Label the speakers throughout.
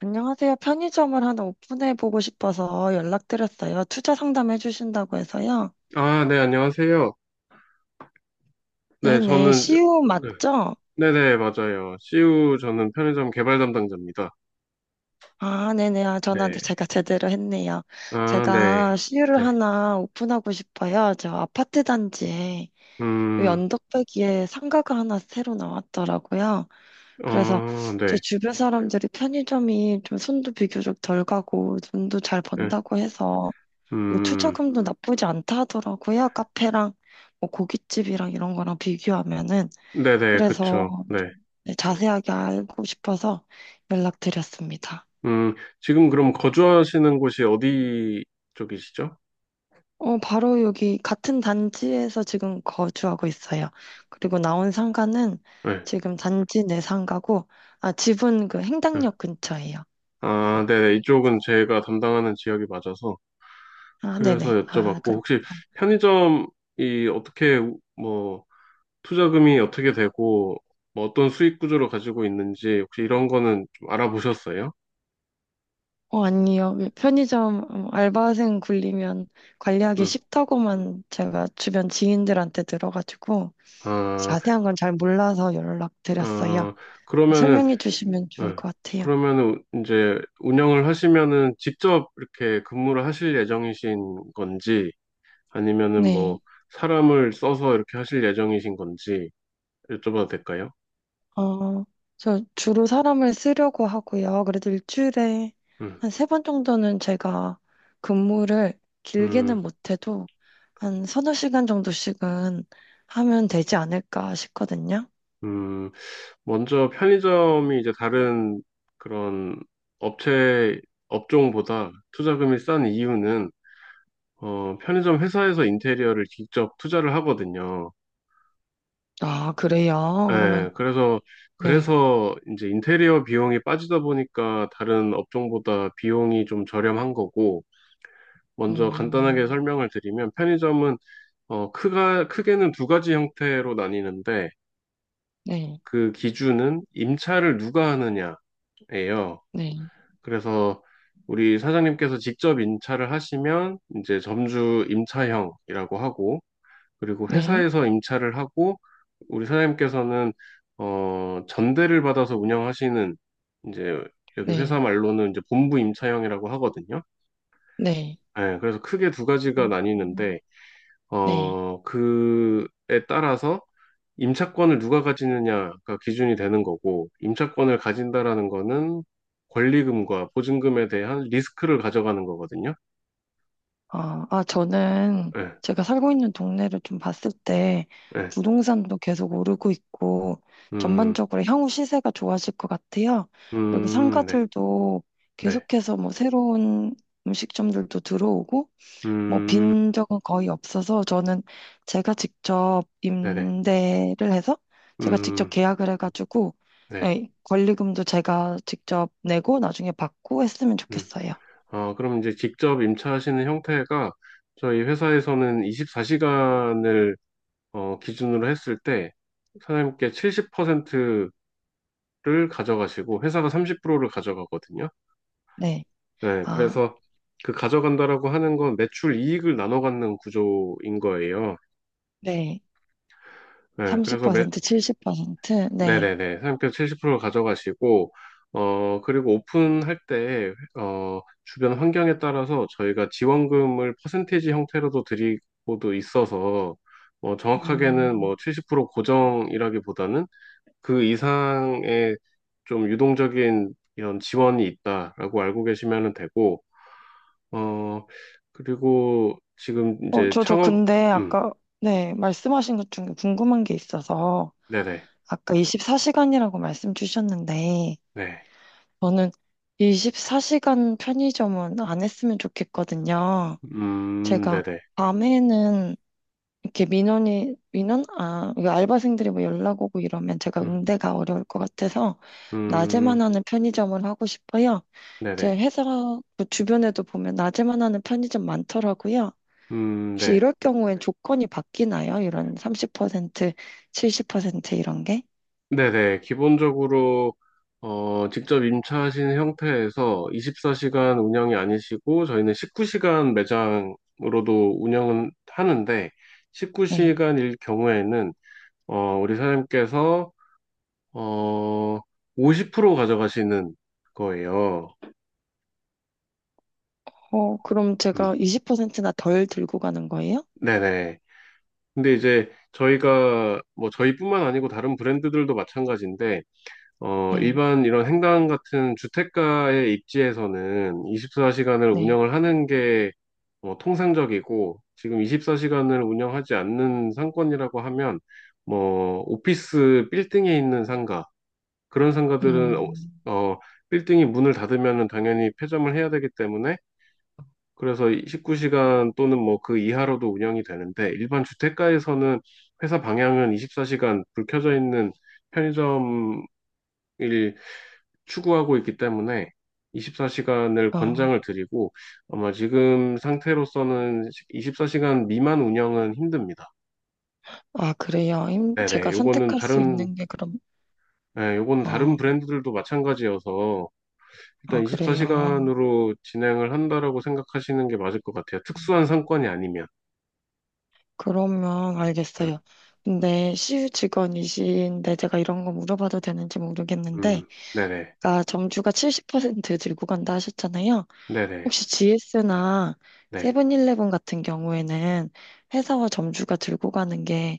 Speaker 1: 안녕하세요. 편의점을 하나 오픈해 보고 싶어서 연락드렸어요. 투자 상담해 주신다고 해서요.
Speaker 2: 아, 네, 안녕하세요. 네,
Speaker 1: 네네.
Speaker 2: 저는,
Speaker 1: CU
Speaker 2: 네,
Speaker 1: 맞죠?
Speaker 2: 네네, 맞아요. CU 저는 편의점 개발 담당자입니다.
Speaker 1: 아, 네네. 아, 전화를
Speaker 2: 네.
Speaker 1: 제가 제대로 했네요.
Speaker 2: 아, 네.
Speaker 1: 제가 CU를
Speaker 2: 네.
Speaker 1: 하나 오픈하고 싶어요. 저 아파트 단지에 요
Speaker 2: 음.
Speaker 1: 언덕배기에 상가가 하나 새로 나왔더라고요. 그래서
Speaker 2: 아,
Speaker 1: 제
Speaker 2: 네.
Speaker 1: 주변 사람들이 편의점이 좀 손도 비교적 덜 가고 돈도 잘
Speaker 2: 네.
Speaker 1: 번다고 해서 뭐
Speaker 2: 음,
Speaker 1: 투자금도 나쁘지 않다 하더라고요. 카페랑 뭐 고깃집이랑 이런 거랑 비교하면은.
Speaker 2: 네네, 그쵸.
Speaker 1: 그래서
Speaker 2: 네.
Speaker 1: 네, 자세하게 알고 싶어서 연락드렸습니다.
Speaker 2: 음, 지금 그럼 거주하시는 곳이 어디 쪽이시죠?
Speaker 1: 어, 바로 여기 같은 단지에서 지금 거주하고 있어요. 그리고 나온 상가는
Speaker 2: 네.
Speaker 1: 지금 단지 내 상가고, 아, 집은 그
Speaker 2: 네.
Speaker 1: 행당역 근처예요.
Speaker 2: 아, 네네. 이쪽은 제가 담당하는 지역이 맞아서.
Speaker 1: 아,
Speaker 2: 그래서
Speaker 1: 네네.
Speaker 2: 여쭤봤고,
Speaker 1: 아, 그렇
Speaker 2: 혹시 편의점이 어떻게, 뭐, 투자금이 어떻게 되고 뭐 어떤 수익 구조를 가지고 있는지 혹시 이런 거는 좀 알아보셨어요?
Speaker 1: 어, 아니요. 편의점 알바생 굴리면 관리하기
Speaker 2: 음.
Speaker 1: 쉽다고만 제가 주변 지인들한테 들어가지고,
Speaker 2: 아,
Speaker 1: 자세한 건 잘 몰라서 연락드렸어요.
Speaker 2: 아, 그러면은.
Speaker 1: 설명해 주시면 좋을
Speaker 2: 음,
Speaker 1: 것 같아요.
Speaker 2: 그러면은 이제 운영을 하시면은 직접 이렇게 근무를 하실 예정이신 건지 아니면은 뭐
Speaker 1: 네.
Speaker 2: 사람을 써서 이렇게 하실 예정이신 건지 여쭤봐도 될까요?
Speaker 1: 어, 저 주로 사람을 쓰려고 하고요. 그래도 일주일에
Speaker 2: 음.
Speaker 1: 한 세 번 정도는 제가 근무를 길게는
Speaker 2: 음.
Speaker 1: 못해도 한 서너 시간 정도씩은 하면 되지 않을까 싶거든요.
Speaker 2: 음, 먼저 편의점이 이제 다른 그런 업체 업종보다 투자금이 싼 이유는 편의점 회사에서 인테리어를 직접 투자를 하거든요.
Speaker 1: 아, 그래요?
Speaker 2: 예,
Speaker 1: 그러면, 네.
Speaker 2: 그래서 이제 인테리어 비용이 빠지다 보니까 다른 업종보다 비용이 좀 저렴한 거고, 먼저 간단하게
Speaker 1: 음,
Speaker 2: 설명을 드리면 편의점은, 크게는 두 가지 형태로 나뉘는데,
Speaker 1: 네,
Speaker 2: 그 기준은 임차를 누가 하느냐예요.
Speaker 1: 네,
Speaker 2: 그래서 우리 사장님께서 직접 임차를 하시면 이제 점주 임차형이라고 하고, 그리고
Speaker 1: 네,
Speaker 2: 회사에서 임차를 하고 우리 사장님께서는 전대를 받아서 운영하시는 이제 여기 회사
Speaker 1: 네,
Speaker 2: 말로는 이제 본부 임차형이라고 하거든요.
Speaker 1: 네.
Speaker 2: 네, 그래서 크게 두
Speaker 1: 어,
Speaker 2: 가지가 나뉘는데
Speaker 1: 네.
Speaker 2: 그에 따라서 임차권을 누가 가지느냐가 기준이 되는 거고 임차권을 가진다라는 거는 권리금과 보증금에 대한 리스크를 가져가는 거거든요.
Speaker 1: 저는
Speaker 2: 네,
Speaker 1: 제가 살고 있는 동네를 좀 봤을 때
Speaker 2: 네.
Speaker 1: 부동산도 계속 오르고 있고
Speaker 2: 음.
Speaker 1: 전반적으로 향후 시세가 좋아질 것 같아요. 그리고
Speaker 2: 음. 네.
Speaker 1: 상가들도
Speaker 2: 네.
Speaker 1: 계속해서 뭐 새로운 음식점들도 들어오고 뭐
Speaker 2: 음.
Speaker 1: 빈적은 거의 없어서 저는 제가 직접
Speaker 2: 네네.
Speaker 1: 임대를 해서 제가 직접
Speaker 2: 음.
Speaker 1: 계약을 해가지고
Speaker 2: 네.
Speaker 1: 예, 권리금도 제가 직접 내고 나중에 받고 했으면
Speaker 2: 음.
Speaker 1: 좋겠어요.
Speaker 2: 아, 그럼 이제 직접 임차하시는 형태가 저희 회사에서는 24시간을 기준으로 했을 때 사장님께 70%를 가져가시고 회사가 30%를 가져가거든요.
Speaker 1: 네.
Speaker 2: 네.
Speaker 1: 아,
Speaker 2: 그래서 그 가져간다라고 하는 건 매출 이익을 나눠 갖는 구조인 거예요.
Speaker 1: 네.
Speaker 2: 네. 그래서
Speaker 1: 30%, 70%? 네.
Speaker 2: 네네네. 상표 70% 가져가시고, 그리고 오픈할 때, 주변 환경에 따라서 저희가 지원금을 퍼센테이지 형태로도 드리고도 있어서, 정확하게는
Speaker 1: 음,
Speaker 2: 뭐 70% 고정이라기보다는 그 이상의 좀 유동적인 이런 지원이 있다라고 알고 계시면 되고, 어, 그리고 지금
Speaker 1: 어,
Speaker 2: 이제
Speaker 1: 저
Speaker 2: 창업,
Speaker 1: 근데
Speaker 2: 음,
Speaker 1: 아까, 네, 말씀하신 것 중에 궁금한 게 있어서,
Speaker 2: 네네,
Speaker 1: 아까 24시간이라고 말씀 주셨는데,
Speaker 2: 네,
Speaker 1: 저는 24시간 편의점은 안 했으면 좋겠거든요. 제가
Speaker 2: 네네,
Speaker 1: 밤에는 이렇게 민원이 민원 아 이거 알바생들이 뭐 연락 오고 이러면 제가
Speaker 2: 음,
Speaker 1: 응대가 어려울 것 같아서
Speaker 2: 음,
Speaker 1: 낮에만 하는 편의점을 하고 싶어요. 제
Speaker 2: 네네.
Speaker 1: 회사 그 주변에도 보면 낮에만 하는 편의점 많더라고요. 혹시
Speaker 2: 네.
Speaker 1: 이럴 경우엔 조건이 바뀌나요? 이런 30%, 70% 이런 게?
Speaker 2: 네네. 기본적으로, 직접 임차하신 형태에서 24시간 운영이 아니시고, 저희는 19시간 매장으로도 운영은 하는데,
Speaker 1: 네.
Speaker 2: 19시간일 경우에는, 우리 사장님께서, 어, 50% 가져가시는 거예요.
Speaker 1: 어, 그럼 제가
Speaker 2: 음,
Speaker 1: 20%나 덜 들고 가는 거예요?
Speaker 2: 네네. 근데 이제 저희가, 뭐, 저희뿐만 아니고 다른 브랜드들도 마찬가지인데,
Speaker 1: 네.
Speaker 2: 일반 이런 행당 같은 주택가의 입지에서는 24시간을
Speaker 1: 네.
Speaker 2: 운영을 하는 게 뭐 통상적이고 지금 24시간을 운영하지 않는 상권이라고 하면 뭐 오피스 빌딩에 있는 상가 그런 상가들은
Speaker 1: 음.
Speaker 2: 어, 빌딩이 문을 닫으면은 당연히 폐점을 해야 되기 때문에 그래서 19시간 또는 뭐 그 이하로도 운영이 되는데 일반 주택가에서는 회사 방향은 24시간 불 켜져 있는 편의점일 추구하고 있기 때문에 24시간을
Speaker 1: 어.
Speaker 2: 권장을 드리고 아마 지금 상태로서는 24시간 미만 운영은 힘듭니다.
Speaker 1: 아, 그래요.
Speaker 2: 네네,
Speaker 1: 제가 선택할 수 있는 게 그럼
Speaker 2: 네, 요거는 다른
Speaker 1: 어,
Speaker 2: 브랜드들도 마찬가지여서
Speaker 1: 아,
Speaker 2: 일단
Speaker 1: 그래요.
Speaker 2: 24시간으로 진행을 한다라고 생각하시는 게 맞을 것 같아요. 특수한 상권이 아니면.
Speaker 1: 그러면
Speaker 2: 음.
Speaker 1: 알겠어요. 근데 시유직원이신데 제가 이런 거 물어봐도 되는지 모르겠는데,
Speaker 2: 음. 네네.
Speaker 1: 아까 점주가 70% 들고 간다 하셨잖아요.
Speaker 2: 네네.
Speaker 1: 혹시 GS나
Speaker 2: 네.
Speaker 1: 세븐일레븐 같은 경우에는 회사와 점주가 들고 가는 게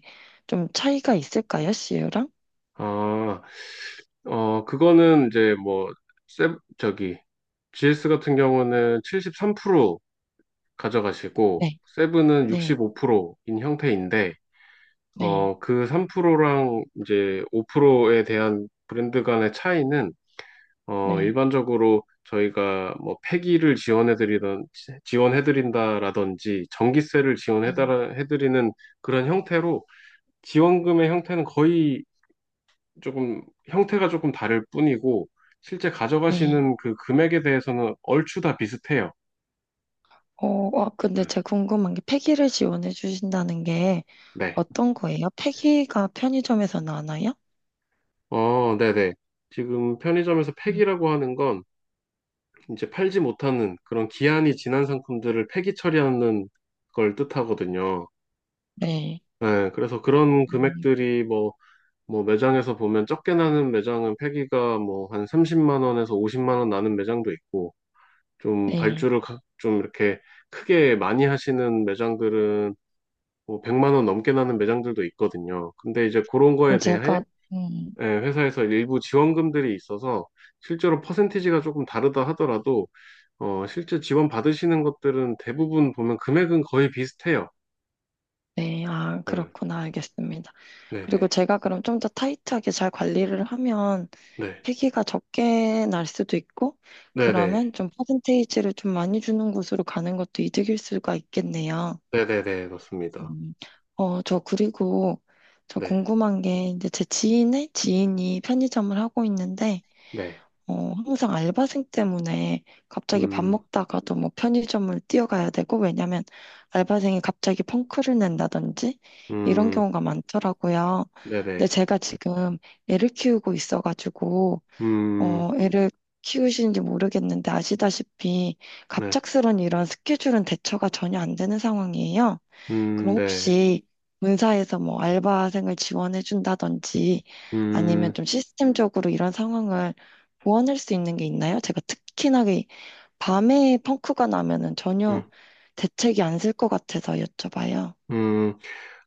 Speaker 1: 좀 차이가 있을까요, 시유랑?
Speaker 2: 아, 그거는 이제 뭐, 세, 저기, GS 같은 경우는 73% 가져가시고
Speaker 1: 네,
Speaker 2: 세븐은
Speaker 1: 네,
Speaker 2: 65%인 형태인데
Speaker 1: 네,
Speaker 2: 그 3%랑 이제 5%에 대한 브랜드 간의 차이는
Speaker 1: 네,
Speaker 2: 일반적으로 저희가 뭐 폐기를 지원해드리던 지원해드린다라든지 전기세를
Speaker 1: 네,
Speaker 2: 지원해드리는 그런 형태로 지원금의 형태는 거의 조금 형태가 조금 다를 뿐이고 실제
Speaker 1: 네.
Speaker 2: 가져가시는 그 금액에 대해서는 얼추 다 비슷해요.
Speaker 1: 어, 아, 근데
Speaker 2: 음.
Speaker 1: 제가 궁금한 게 폐기를 지원해 주신다는 게
Speaker 2: 네.
Speaker 1: 어떤 거예요? 폐기가 편의점에서 나나요?
Speaker 2: 어, 네네. 지금 편의점에서
Speaker 1: 음,
Speaker 2: 폐기라고 하는 건 이제 팔지 못하는 그런 기한이 지난 상품들을 폐기 처리하는 걸 뜻하거든요.
Speaker 1: 네.
Speaker 2: 네, 그래서 그런
Speaker 1: 음,
Speaker 2: 금액들이 뭐 매장에서 보면 적게 나는 매장은 폐기가 뭐 한 30만 원에서 50만 원 나는 매장도 있고 좀
Speaker 1: 네.
Speaker 2: 발주를 좀 이렇게 크게 많이 하시는 매장들은 뭐 100만 원 넘게 나는 매장들도 있거든요. 근데 이제 그런
Speaker 1: 그럼
Speaker 2: 거에 대해
Speaker 1: 제가, 음,
Speaker 2: 예, 회사에서 일부 지원금들이 있어서 실제로 퍼센티지가 조금 다르다 하더라도 실제 지원 받으시는 것들은 대부분 보면 금액은 거의 비슷해요.
Speaker 1: 네. 아,
Speaker 2: 음,
Speaker 1: 그렇구나. 알겠습니다. 그리고
Speaker 2: 네네,
Speaker 1: 제가 그럼 좀 더 타이트하게 잘 관리를 하면
Speaker 2: 네,
Speaker 1: 폐기가 적게 날 수도 있고,
Speaker 2: 네네,
Speaker 1: 그러면 좀 퍼센테이지를 좀 많이 주는 곳으로 가는 것도 이득일 수가 있겠네요.
Speaker 2: 네네네, 맞습니다.
Speaker 1: 음, 어, 저 그리고 저
Speaker 2: 네.
Speaker 1: 궁금한 게 이제 제 지인의 지인이 편의점을 하고 있는데,
Speaker 2: 네.
Speaker 1: 어, 항상 알바생 때문에 갑자기 밥
Speaker 2: 음.
Speaker 1: 먹다가도 뭐 편의점을 뛰어가야 되고, 왜냐면 알바생이 갑자기 펑크를 낸다든지 이런
Speaker 2: 음.
Speaker 1: 경우가 많더라고요. 근데
Speaker 2: 네네.
Speaker 1: 제가 지금 애를 키우고 있어가지고,
Speaker 2: 음.
Speaker 1: 어, 애를 키우시는지 모르겠는데 아시다시피
Speaker 2: 네.
Speaker 1: 갑작스런 이런 스케줄은 대처가 전혀 안 되는 상황이에요.
Speaker 2: 음.
Speaker 1: 그럼
Speaker 2: 네.
Speaker 1: 혹시 본사에서 뭐 알바생을 지원해 준다든지 아니면
Speaker 2: 음.
Speaker 1: 좀 시스템적으로 이런 상황을 보완할 수 있는 게 있나요? 제가 특히나 이 밤에 펑크가 나면은 전혀
Speaker 2: 음.
Speaker 1: 대책이 안 쓸 것 같아서 여쭤봐요.
Speaker 2: 음.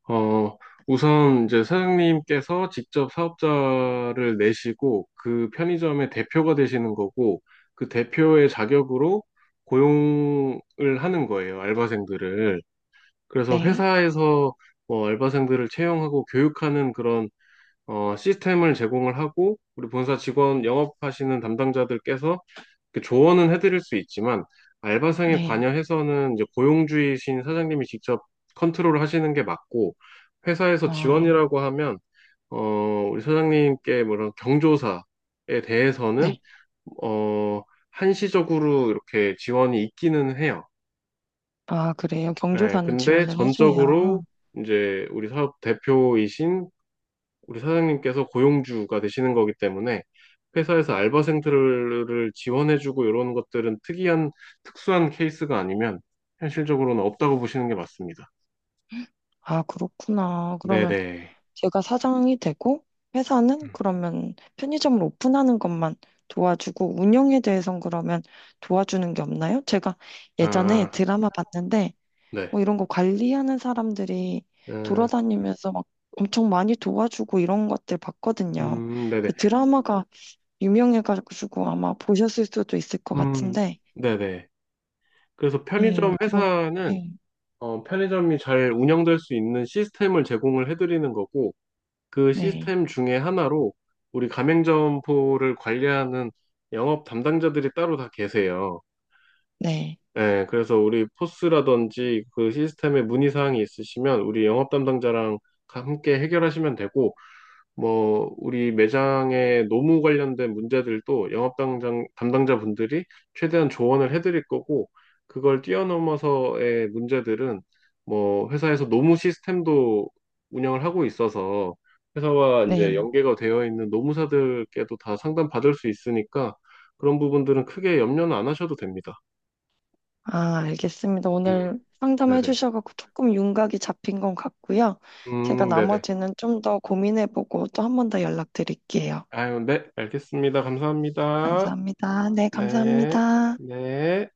Speaker 2: 어, 우선 이제 사장님께서 직접 사업자를 내시고 그 편의점의 대표가 되시는 거고 그 대표의 자격으로 고용을 하는 거예요, 알바생들을. 그래서
Speaker 1: 네,
Speaker 2: 회사에서 뭐 알바생들을 채용하고 교육하는 그런 시스템을 제공을 하고 우리 본사 직원 영업하시는 담당자들께서 그 조언은 해드릴 수 있지만 알바생에
Speaker 1: 네,
Speaker 2: 관여해서는 이제 고용주의신 사장님이 직접 컨트롤을 하시는 게 맞고 회사에서
Speaker 1: 아,
Speaker 2: 지원이라고 하면 어 우리 사장님께 뭐런 경조사에 대해서는
Speaker 1: 네.
Speaker 2: 어 한시적으로 이렇게 지원이 있기는 해요.
Speaker 1: 아, 그래요?
Speaker 2: 예,
Speaker 1: 경조사는
Speaker 2: 근데
Speaker 1: 지원을 해줘야.
Speaker 2: 전적으로 이제 우리 사업 대표이신 우리 사장님께서 고용주가 되시는 거기 때문에 회사에서 알바생들을 지원해주고 이런 것들은 특수한 케이스가 아니면 현실적으로는 없다고 보시는 게 맞습니다.
Speaker 1: 아, 그렇구나. 그러면
Speaker 2: 네네.
Speaker 1: 제가 사장이 되고 회사는 그러면 편의점을 오픈하는 것만 도와주고 운영에 대해선 그러면 도와주는 게 없나요? 제가 예전에
Speaker 2: 아,
Speaker 1: 드라마 봤는데
Speaker 2: 네.
Speaker 1: 뭐 이런 거 관리하는 사람들이
Speaker 2: 음.
Speaker 1: 돌아다니면서 막 엄청 많이 도와주고 이런 것들 봤거든요.
Speaker 2: 음. 네네.
Speaker 1: 그 드라마가 유명해가지고 아마 보셨을 수도 있을 것
Speaker 2: 음.
Speaker 1: 같은데,
Speaker 2: 네네. 그래서
Speaker 1: 예,
Speaker 2: 편의점
Speaker 1: 그럼,
Speaker 2: 회사는
Speaker 1: 네,
Speaker 2: 편의점이 잘 운영될 수 있는 시스템을 제공을 해드리는 거고, 그
Speaker 1: 네,
Speaker 2: 시스템 중에 하나로 우리 가맹점포를 관리하는 영업 담당자들이 따로 다 계세요.
Speaker 1: 네,
Speaker 2: 네, 그래서 우리 포스라든지 그 시스템에 문의사항이 있으시면 우리 영업 담당자랑 함께 해결하시면 되고, 뭐, 우리 매장의 노무 관련된 문제들도 영업 담당자분들이 최대한 조언을 해드릴 거고, 그걸 뛰어넘어서의 문제들은 뭐, 회사에서 노무 시스템도 운영을 하고 있어서 회사와 이제
Speaker 1: 네.
Speaker 2: 연계가 되어 있는 노무사들께도 다 상담 받을 수 있으니까 그런 부분들은 크게 염려는 안 하셔도 됩니다.
Speaker 1: 아, 알겠습니다.
Speaker 2: 음,
Speaker 1: 오늘 상담해
Speaker 2: 네네.
Speaker 1: 주셔서 조금 윤곽이 잡힌 것 같고요. 제가
Speaker 2: 네네.
Speaker 1: 나머지는 좀 더 고민해보고 또 한 번 더 연락드릴게요.
Speaker 2: 아유, 네, 알겠습니다. 감사합니다.
Speaker 1: 감사합니다. 네,
Speaker 2: 네,
Speaker 1: 감사합니다.
Speaker 2: 네.